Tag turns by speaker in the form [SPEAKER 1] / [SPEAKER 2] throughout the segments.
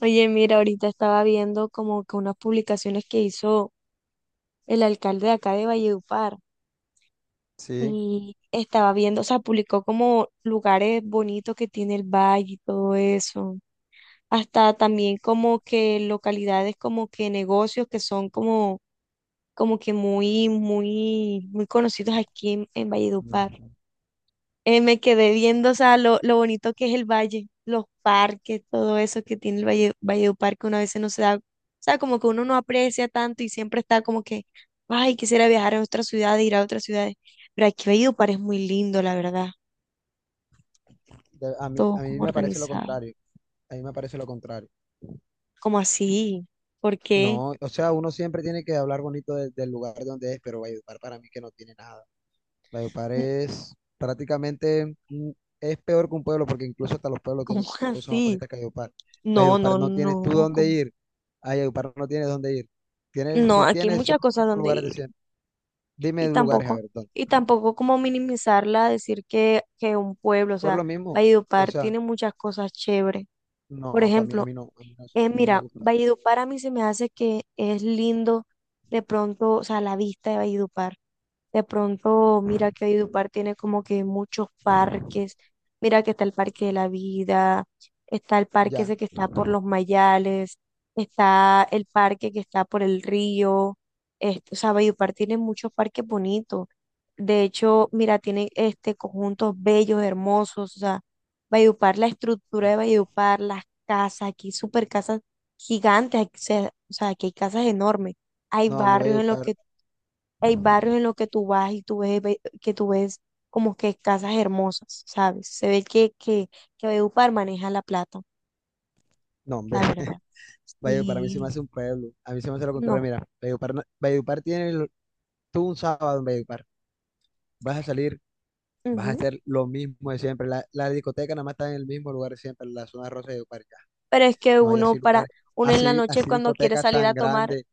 [SPEAKER 1] Oye, mira, ahorita estaba viendo como que unas publicaciones que hizo el alcalde de acá de Valledupar
[SPEAKER 2] Sí.
[SPEAKER 1] y estaba viendo, o sea, publicó como lugares bonitos que tiene el valle y todo eso. Hasta también como que localidades como que negocios que son como, como que muy, muy, muy conocidos aquí en Valledupar.
[SPEAKER 2] Ujú.
[SPEAKER 1] Me quedé viendo, o sea, lo bonito que es el valle, los parques, todo eso que tiene el Valledupar, que uno a veces no se da, o sea, como que uno no aprecia tanto y siempre está como que, ay, quisiera viajar a otras ciudades, ir a otras ciudades. Pero aquí Valledupar es muy lindo, la verdad,
[SPEAKER 2] A mí,
[SPEAKER 1] todo
[SPEAKER 2] a mí
[SPEAKER 1] como
[SPEAKER 2] me parece lo
[SPEAKER 1] organizado.
[SPEAKER 2] contrario. A mí me parece lo contrario.
[SPEAKER 1] ¿Cómo así? ¿Por qué?
[SPEAKER 2] No, o sea, uno siempre tiene que hablar bonito del lugar de donde es, pero Valledupar para mí que no tiene nada. Valledupar es prácticamente, es peor que un pueblo, porque incluso hasta los pueblos
[SPEAKER 1] ¿Cómo
[SPEAKER 2] tienen cosas más
[SPEAKER 1] así?
[SPEAKER 2] bonitas que Valledupar.
[SPEAKER 1] No,
[SPEAKER 2] Valledupar
[SPEAKER 1] no,
[SPEAKER 2] no tienes tú
[SPEAKER 1] no,
[SPEAKER 2] dónde
[SPEAKER 1] ¿cómo?
[SPEAKER 2] ir. A Valledupar no tienes dónde ir. Tienes,
[SPEAKER 1] No,
[SPEAKER 2] si
[SPEAKER 1] aquí hay
[SPEAKER 2] tienes, son
[SPEAKER 1] muchas
[SPEAKER 2] los
[SPEAKER 1] cosas
[SPEAKER 2] mismos
[SPEAKER 1] donde
[SPEAKER 2] lugares de
[SPEAKER 1] ir.
[SPEAKER 2] siempre. Dime
[SPEAKER 1] y
[SPEAKER 2] lugares, a
[SPEAKER 1] tampoco,
[SPEAKER 2] ver, ¿dónde?
[SPEAKER 1] y tampoco como minimizarla, decir que un pueblo, o
[SPEAKER 2] Por
[SPEAKER 1] sea,
[SPEAKER 2] lo mismo, o
[SPEAKER 1] Valledupar
[SPEAKER 2] sea,
[SPEAKER 1] tiene muchas cosas chéveres. Por
[SPEAKER 2] no, para mí, a
[SPEAKER 1] ejemplo,
[SPEAKER 2] mí no, a mí no, a mí no me
[SPEAKER 1] mira,
[SPEAKER 2] gusta.
[SPEAKER 1] Valledupar a mí se me hace que es lindo de pronto, o sea, la vista de Valledupar. De pronto, mira que Valledupar tiene como que muchos parques. Mira que está el Parque de la Vida, está el parque
[SPEAKER 2] Ya,
[SPEAKER 1] ese que está por los Mayales, está el parque que está por el río. Este, o sea, Valledupar tiene muchos parques bonitos. De hecho, mira, tiene este conjuntos bellos, hermosos. O sea, Valledupar, la estructura
[SPEAKER 2] no,
[SPEAKER 1] de Valledupar, las casas, aquí super casas gigantes, o sea, aquí hay casas enormes. Hay
[SPEAKER 2] no, a mí
[SPEAKER 1] barrios en los
[SPEAKER 2] Valledupar.
[SPEAKER 1] que Hay barrios en los que tú vas y tú ves, que tú ves como que casas hermosas, ¿sabes? Se ve que Valledupar maneja la plata,
[SPEAKER 2] No, hombre,
[SPEAKER 1] la verdad.
[SPEAKER 2] Valledupar a mí se me
[SPEAKER 1] Sí.
[SPEAKER 2] hace un pueblo. A mí se me hace lo contrario.
[SPEAKER 1] No.
[SPEAKER 2] Mira, Valledupar, Valledupar tiene. Tú un sábado en Valledupar. Vas a salir, vas a
[SPEAKER 1] Ujú.
[SPEAKER 2] hacer lo mismo de siempre. La discoteca nada más está en el mismo lugar siempre, en la zona rosa de Valledupar. Ya.
[SPEAKER 1] Pero es que
[SPEAKER 2] No hay
[SPEAKER 1] uno
[SPEAKER 2] así
[SPEAKER 1] para,
[SPEAKER 2] lugares,
[SPEAKER 1] Uno en la
[SPEAKER 2] así,
[SPEAKER 1] noche
[SPEAKER 2] así
[SPEAKER 1] cuando quiere
[SPEAKER 2] discotecas
[SPEAKER 1] salir
[SPEAKER 2] tan
[SPEAKER 1] a tomar,
[SPEAKER 2] grandes.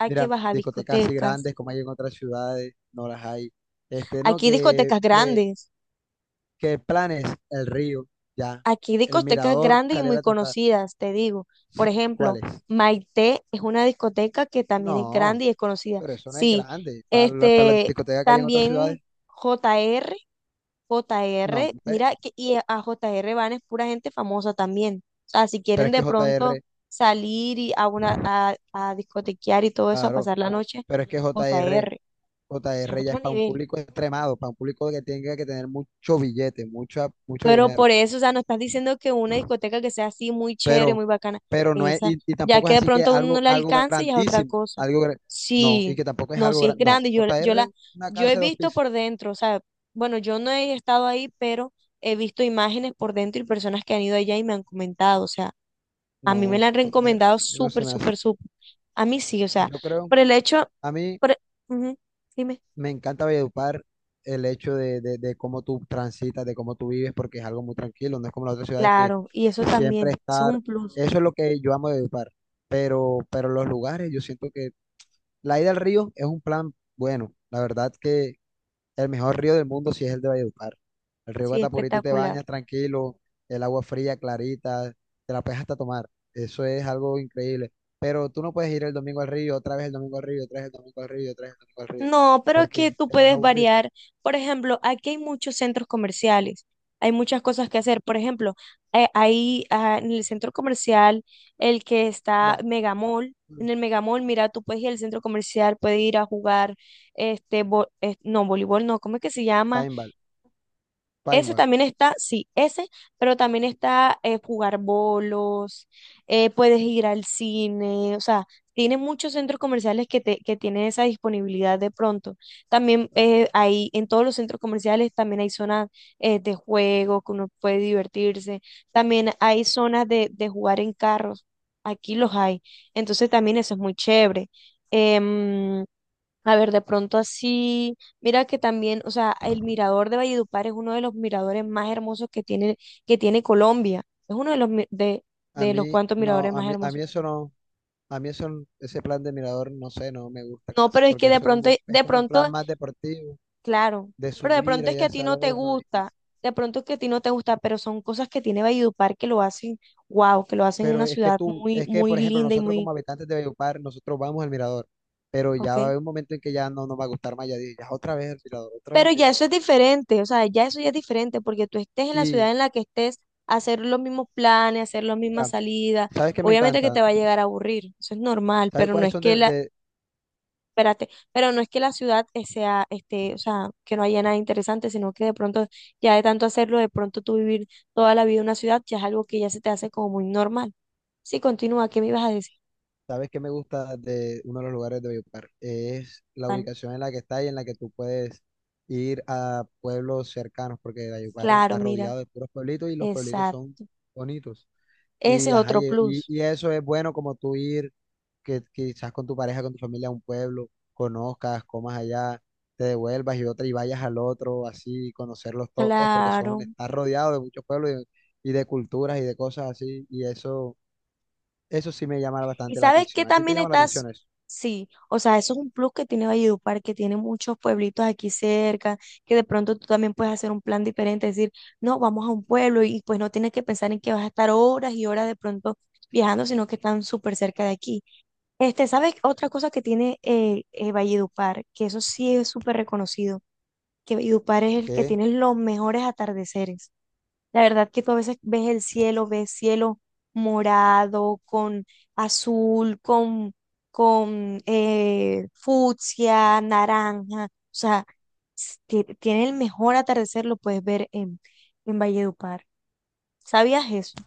[SPEAKER 1] hay que
[SPEAKER 2] Mira,
[SPEAKER 1] bajar a
[SPEAKER 2] discotecas así
[SPEAKER 1] discotecas.
[SPEAKER 2] grandes como hay en otras ciudades, no las hay. Este, no,
[SPEAKER 1] Aquí hay
[SPEAKER 2] que,
[SPEAKER 1] discotecas
[SPEAKER 2] que,
[SPEAKER 1] grandes,
[SPEAKER 2] que planes, el río, ya.
[SPEAKER 1] aquí hay
[SPEAKER 2] El
[SPEAKER 1] discotecas
[SPEAKER 2] mirador,
[SPEAKER 1] grandes y
[SPEAKER 2] salir
[SPEAKER 1] muy
[SPEAKER 2] a trotar.
[SPEAKER 1] conocidas, te digo. Por ejemplo,
[SPEAKER 2] ¿Cuáles?
[SPEAKER 1] Maite es una discoteca que también es
[SPEAKER 2] No.
[SPEAKER 1] grande y es conocida.
[SPEAKER 2] Pero eso no es
[SPEAKER 1] Sí,
[SPEAKER 2] grande. Para las
[SPEAKER 1] este,
[SPEAKER 2] discotecas que hay en otras ciudades,
[SPEAKER 1] también JR.
[SPEAKER 2] no. Ve,
[SPEAKER 1] Mira, y a JR van es pura gente famosa también. O sea, si
[SPEAKER 2] pero
[SPEAKER 1] quieren
[SPEAKER 2] es que
[SPEAKER 1] de
[SPEAKER 2] J
[SPEAKER 1] pronto
[SPEAKER 2] R
[SPEAKER 1] salir a discotequear y todo eso, a
[SPEAKER 2] claro,
[SPEAKER 1] pasar la noche,
[SPEAKER 2] pero es que J
[SPEAKER 1] J
[SPEAKER 2] R
[SPEAKER 1] R
[SPEAKER 2] J
[SPEAKER 1] es
[SPEAKER 2] R ya
[SPEAKER 1] otro
[SPEAKER 2] es para un
[SPEAKER 1] nivel.
[SPEAKER 2] público extremado, para un público que tenga que tener mucho billete, mucho, mucho
[SPEAKER 1] Pero
[SPEAKER 2] dinero.
[SPEAKER 1] por eso, o sea, no estás diciendo que una discoteca que sea así muy chévere,
[SPEAKER 2] Pero,
[SPEAKER 1] muy bacana,
[SPEAKER 2] pero no es,
[SPEAKER 1] esa,
[SPEAKER 2] y
[SPEAKER 1] ya
[SPEAKER 2] tampoco
[SPEAKER 1] que
[SPEAKER 2] es
[SPEAKER 1] de
[SPEAKER 2] así que
[SPEAKER 1] pronto a uno no
[SPEAKER 2] algo,
[SPEAKER 1] la
[SPEAKER 2] algo
[SPEAKER 1] alcanza y es otra
[SPEAKER 2] grandísimo,
[SPEAKER 1] cosa.
[SPEAKER 2] algo, gra- No, y
[SPEAKER 1] Sí,
[SPEAKER 2] que tampoco es
[SPEAKER 1] no,
[SPEAKER 2] algo
[SPEAKER 1] si es
[SPEAKER 2] grande. No,
[SPEAKER 1] grande,
[SPEAKER 2] J R una
[SPEAKER 1] yo he
[SPEAKER 2] casa de dos
[SPEAKER 1] visto
[SPEAKER 2] pisos.
[SPEAKER 1] por dentro, o sea, bueno, yo no he estado ahí, pero he visto imágenes por dentro y personas que han ido allá y me han comentado, o sea, a mí me
[SPEAKER 2] No,
[SPEAKER 1] la han
[SPEAKER 2] JR,
[SPEAKER 1] recomendado
[SPEAKER 2] a mí no se
[SPEAKER 1] súper,
[SPEAKER 2] me
[SPEAKER 1] súper,
[SPEAKER 2] hace.
[SPEAKER 1] súper. A mí sí, o sea,
[SPEAKER 2] Yo creo,
[SPEAKER 1] por el hecho,
[SPEAKER 2] a mí.
[SPEAKER 1] por, ujú, dime,
[SPEAKER 2] Me encanta Valledupar el hecho de cómo tú transitas, de cómo tú vives, porque es algo muy tranquilo, no es como las otras ciudades que
[SPEAKER 1] claro, y eso
[SPEAKER 2] siempre
[SPEAKER 1] también, eso es
[SPEAKER 2] estar.
[SPEAKER 1] un plus,
[SPEAKER 2] Eso es lo que yo amo de Valledupar, pero los lugares, yo siento que la ida al río es un plan bueno, la verdad que el mejor río del mundo sí es el de Valledupar. El río
[SPEAKER 1] sí,
[SPEAKER 2] Guatapurí, tú te
[SPEAKER 1] espectacular.
[SPEAKER 2] bañas tranquilo, el agua fría, clarita, te la puedes hasta tomar. Eso es algo increíble. Pero tú no puedes ir el domingo al río, otra vez el domingo al río, otra vez el domingo al río, otra vez el domingo al río,
[SPEAKER 1] No, pero es que
[SPEAKER 2] porque
[SPEAKER 1] tú
[SPEAKER 2] te vas a
[SPEAKER 1] puedes
[SPEAKER 2] aburrir.
[SPEAKER 1] variar. Por ejemplo, aquí hay muchos centros comerciales, hay muchas cosas que hacer. Por ejemplo, en el centro comercial, el que está
[SPEAKER 2] No,
[SPEAKER 1] Megamall, en el Megamall, mira, tú puedes ir al centro comercial, puedes ir a jugar, no, voleibol, no, ¿cómo es que se llama?
[SPEAKER 2] paintball,
[SPEAKER 1] Eso
[SPEAKER 2] paintball.
[SPEAKER 1] también está, sí, ese, pero también está jugar bolos, puedes ir al cine, o sea, tiene muchos centros comerciales que tienen esa disponibilidad de pronto. También hay, en todos los centros comerciales también hay zonas de juego que uno puede divertirse, también hay zonas de jugar en carros, aquí los hay, entonces también eso es muy chévere. Em, a ver, de pronto así, mira que también, o sea, el mirador de Valledupar es uno de los miradores más hermosos que tiene Colombia. Es uno de los mi- de,
[SPEAKER 2] A
[SPEAKER 1] de los
[SPEAKER 2] mí,
[SPEAKER 1] cuantos miradores
[SPEAKER 2] no, a
[SPEAKER 1] más
[SPEAKER 2] mí, a
[SPEAKER 1] hermosos.
[SPEAKER 2] mí eso no, a mí eso, n- ese plan de mirador, no sé, no me gusta
[SPEAKER 1] No,
[SPEAKER 2] casi,
[SPEAKER 1] pero es que
[SPEAKER 2] porque eso como, es
[SPEAKER 1] de
[SPEAKER 2] como un plan
[SPEAKER 1] pronto,
[SPEAKER 2] más deportivo,
[SPEAKER 1] claro,
[SPEAKER 2] de
[SPEAKER 1] pero de
[SPEAKER 2] subir
[SPEAKER 1] pronto es que
[SPEAKER 2] allá a
[SPEAKER 1] a ti
[SPEAKER 2] esa
[SPEAKER 1] no te
[SPEAKER 2] loma.
[SPEAKER 1] gusta, de pronto es que a ti no te gusta, pero son cosas que tiene Valledupar que lo hacen, wow, que lo hacen
[SPEAKER 2] Pero
[SPEAKER 1] una ciudad muy,
[SPEAKER 2] es que,
[SPEAKER 1] muy
[SPEAKER 2] por ejemplo,
[SPEAKER 1] linda y
[SPEAKER 2] nosotros
[SPEAKER 1] muy,
[SPEAKER 2] como habitantes de Valledupar, nosotros vamos al mirador, pero
[SPEAKER 1] ok.
[SPEAKER 2] ya va a haber un momento en que ya no nos va a gustar más, ya, ya otra vez el mirador, otra vez
[SPEAKER 1] Pero
[SPEAKER 2] el
[SPEAKER 1] ya
[SPEAKER 2] mirador.
[SPEAKER 1] eso es diferente, o sea, ya eso ya es diferente, porque tú estés en la
[SPEAKER 2] Y
[SPEAKER 1] ciudad en la que estés, hacer los mismos planes, hacer las mismas
[SPEAKER 2] mira,
[SPEAKER 1] salidas,
[SPEAKER 2] ¿sabes qué me
[SPEAKER 1] obviamente que te
[SPEAKER 2] encanta?
[SPEAKER 1] va a llegar a aburrir, eso es normal,
[SPEAKER 2] ¿Sabes
[SPEAKER 1] pero no
[SPEAKER 2] cuáles
[SPEAKER 1] es
[SPEAKER 2] son
[SPEAKER 1] que
[SPEAKER 2] de,
[SPEAKER 1] la,
[SPEAKER 2] de-
[SPEAKER 1] espérate, pero no es que la ciudad o sea, que no haya nada interesante, sino que de pronto, ya de tanto hacerlo, de pronto tú vivir toda la vida en una ciudad, ya es algo que ya se te hace como muy normal. Sí, continúa, ¿qué me ibas a decir?
[SPEAKER 2] sabes qué me gusta de uno de los lugares de Valledupar? Es la
[SPEAKER 1] ¿Cuál?
[SPEAKER 2] ubicación en la que está y en la que tú puedes ir a pueblos cercanos, porque Valledupar
[SPEAKER 1] Claro,
[SPEAKER 2] está
[SPEAKER 1] mira,
[SPEAKER 2] rodeado de puros pueblitos y los pueblitos son
[SPEAKER 1] exacto,
[SPEAKER 2] bonitos.
[SPEAKER 1] ese
[SPEAKER 2] Y,
[SPEAKER 1] es
[SPEAKER 2] ajá,
[SPEAKER 1] otro
[SPEAKER 2] y, y
[SPEAKER 1] plus,
[SPEAKER 2] y eso es bueno como tú ir que quizás con tu pareja, con tu familia, a un pueblo, conozcas, comas allá, te devuelvas y otra y vayas al otro, así, conocerlos todos, porque
[SPEAKER 1] claro.
[SPEAKER 2] estás rodeado de muchos pueblos y de culturas y de cosas así, y eso sí me llama
[SPEAKER 1] Y
[SPEAKER 2] bastante la
[SPEAKER 1] sabes que
[SPEAKER 2] atención. ¿A ti te
[SPEAKER 1] también
[SPEAKER 2] llama la
[SPEAKER 1] estás,
[SPEAKER 2] atención eso?
[SPEAKER 1] sí, o sea, eso es un plus que tiene Valledupar, que tiene muchos pueblitos aquí cerca, que de pronto tú también puedes hacer un plan diferente, decir, no, vamos a un pueblo y pues no tienes que pensar en que vas a estar horas y horas de pronto viajando, sino que están súper cerca de aquí. Este, ¿sabes otra cosa que tiene Valledupar? Que eso sí es súper reconocido, que Valledupar es el que
[SPEAKER 2] Que
[SPEAKER 1] tiene los mejores atardeceres. La verdad que tú a veces ves el cielo, ves cielo morado, con azul, con fucsia, naranja. O sea, tiene el mejor atardecer, lo puedes ver en Valledupar. ¿Sabías eso?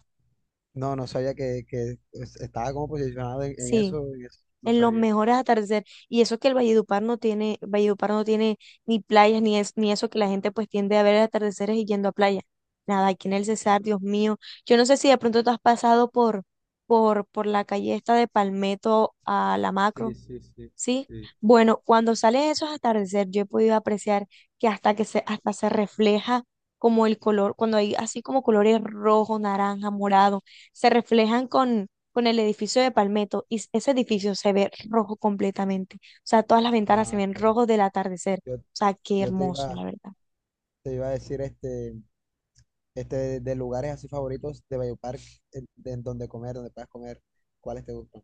[SPEAKER 2] no, no sabía que estaba como posicionado en
[SPEAKER 1] Sí,
[SPEAKER 2] eso, en eso, no
[SPEAKER 1] en los
[SPEAKER 2] sabía.
[SPEAKER 1] mejores atardeceres. Y eso que el Valledupar no tiene ni playas, ni, es, ni eso que la gente pues tiende a ver atardeceres y yendo a playa. Nada, aquí en el Cesar, Dios mío. Yo no sé si de pronto tú has pasado por la calle esta de Palmetto a la
[SPEAKER 2] Sí,
[SPEAKER 1] Macro.
[SPEAKER 2] sí, sí,
[SPEAKER 1] ¿Sí?
[SPEAKER 2] sí.
[SPEAKER 1] Bueno, cuando salen esos atardeceres, yo he podido apreciar que hasta que se, hasta se refleja como el color, cuando hay así como colores rojo, naranja, morado, se reflejan con el edificio de Palmetto y ese edificio se ve rojo completamente. O sea, todas las ventanas se
[SPEAKER 2] Ah,
[SPEAKER 1] ven
[SPEAKER 2] ok.
[SPEAKER 1] rojos del atardecer.
[SPEAKER 2] Yo,
[SPEAKER 1] O sea, qué
[SPEAKER 2] yo te
[SPEAKER 1] hermoso,
[SPEAKER 2] iba,
[SPEAKER 1] la verdad.
[SPEAKER 2] te iba a decir este. Este, de lugares así favoritos de Valledupar, en donde puedas comer, ¿cuáles te gustan?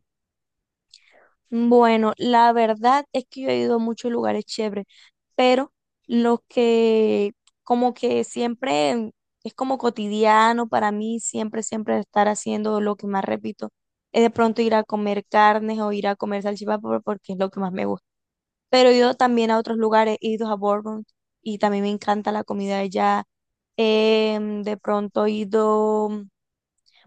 [SPEAKER 1] Bueno, la verdad es que yo he ido a muchos lugares chéveres, pero los que como que siempre es como cotidiano para mí, siempre, siempre estar haciendo lo que más repito, es de pronto ir a comer carnes o ir a comer salchipapa porque es lo que más me gusta. Pero he ido también a otros lugares, he ido a Bourbon y también me encanta la comida de allá. De pronto he ido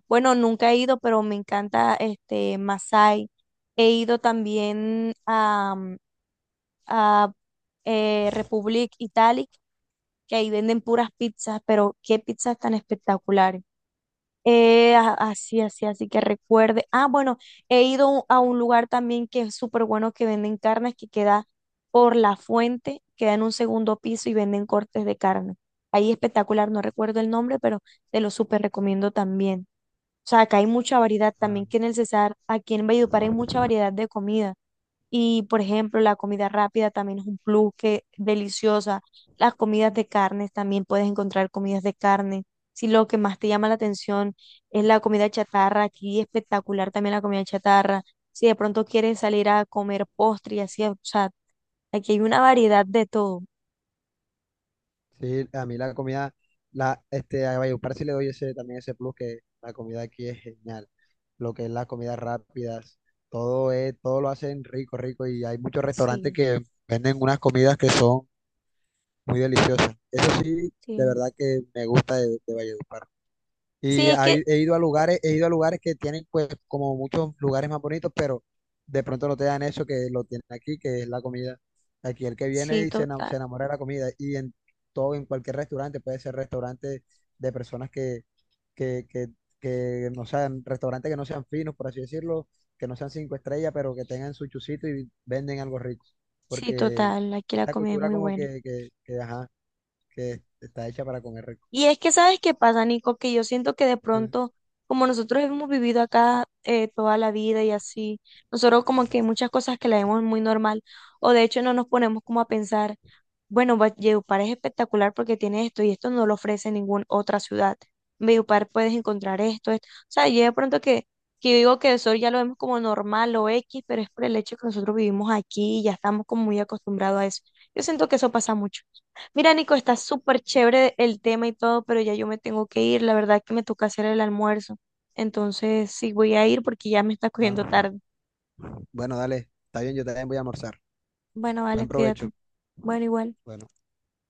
[SPEAKER 1] bueno, nunca he ido, pero me encanta este Masái. He ido también a Republic Italic, que ahí venden puras pizzas, pero qué pizzas tan espectaculares. Así que recuerde. Ah, bueno, he ido a un lugar también que es súper bueno que venden carnes, que queda por la fuente, queda en un segundo piso y venden cortes de carne. Ahí espectacular, no recuerdo el nombre, pero te lo súper recomiendo también. O sea, acá hay mucha variedad,
[SPEAKER 2] Ah,
[SPEAKER 1] también que en el Cesar, aquí en Valledupar hay mucha variedad de comida. Y, por ejemplo, la comida rápida también es un plus que deliciosa. Las comidas de carnes también puedes encontrar comidas de carne. Si lo que más te llama la atención es la comida chatarra, aquí espectacular también la comida chatarra. Si de pronto quieres salir a comer postre y así, o sea, aquí hay una variedad de todo.
[SPEAKER 2] sí, a mí la comida, este, a Valledupar sí le doy ese, también ese plus que la comida aquí es genial. Lo que es las comidas rápidas, todo lo hacen rico, rico y hay muchos restaurantes
[SPEAKER 1] Sí,
[SPEAKER 2] que venden unas comidas que son muy deliciosas. Eso sí, de
[SPEAKER 1] sí.
[SPEAKER 2] verdad que me gusta de Valledupar.
[SPEAKER 1] Sí,
[SPEAKER 2] Y
[SPEAKER 1] es que,
[SPEAKER 2] hay- he ido a lugares, he ido a lugares que tienen pues como muchos lugares más bonitos, pero de pronto no te dan eso que lo tienen aquí, que es la comida. Aquí el que viene
[SPEAKER 1] sí,
[SPEAKER 2] y
[SPEAKER 1] total.
[SPEAKER 2] se enamora de la comida. Y en todo, en cualquier restaurante, puede ser restaurante de personas que, que, que restaurantes que no sean finos, por así decirlo, que no sean cinco estrellas, pero que tengan su chucito y venden algo rico.
[SPEAKER 1] Sí,
[SPEAKER 2] Porque
[SPEAKER 1] total. Aquí la
[SPEAKER 2] esta
[SPEAKER 1] comida es
[SPEAKER 2] cultura
[SPEAKER 1] muy
[SPEAKER 2] como
[SPEAKER 1] buena.
[SPEAKER 2] que, ajá, que está hecha para comer rico.
[SPEAKER 1] Y es que, ¿sabes qué pasa, Nico? Que yo siento que de
[SPEAKER 2] ¿Sí?
[SPEAKER 1] pronto, como nosotros hemos vivido acá toda la vida y así, nosotros como que hay muchas cosas que la vemos muy normal, o de hecho no nos ponemos como a pensar. Bueno, Valledupar es espectacular porque tiene esto y esto no lo ofrece ninguna otra ciudad. En Valledupar puedes encontrar esto, esto. O sea, yo de pronto que yo digo que eso ya lo vemos como normal o X, pero es por el hecho que nosotros vivimos aquí y ya estamos como muy acostumbrados a eso. Yo siento que eso pasa mucho. Mira, Nico, está súper chévere el tema y todo, pero ya yo me tengo que ir. La verdad que me toca hacer el almuerzo. Entonces, sí, voy a ir porque ya me está cogiendo
[SPEAKER 2] Ajá.
[SPEAKER 1] tarde.
[SPEAKER 2] Bueno, dale, está bien, yo también voy a almorzar.
[SPEAKER 1] Bueno, vale,
[SPEAKER 2] Buen provecho.
[SPEAKER 1] cuídate. Bueno, igual.
[SPEAKER 2] Bueno.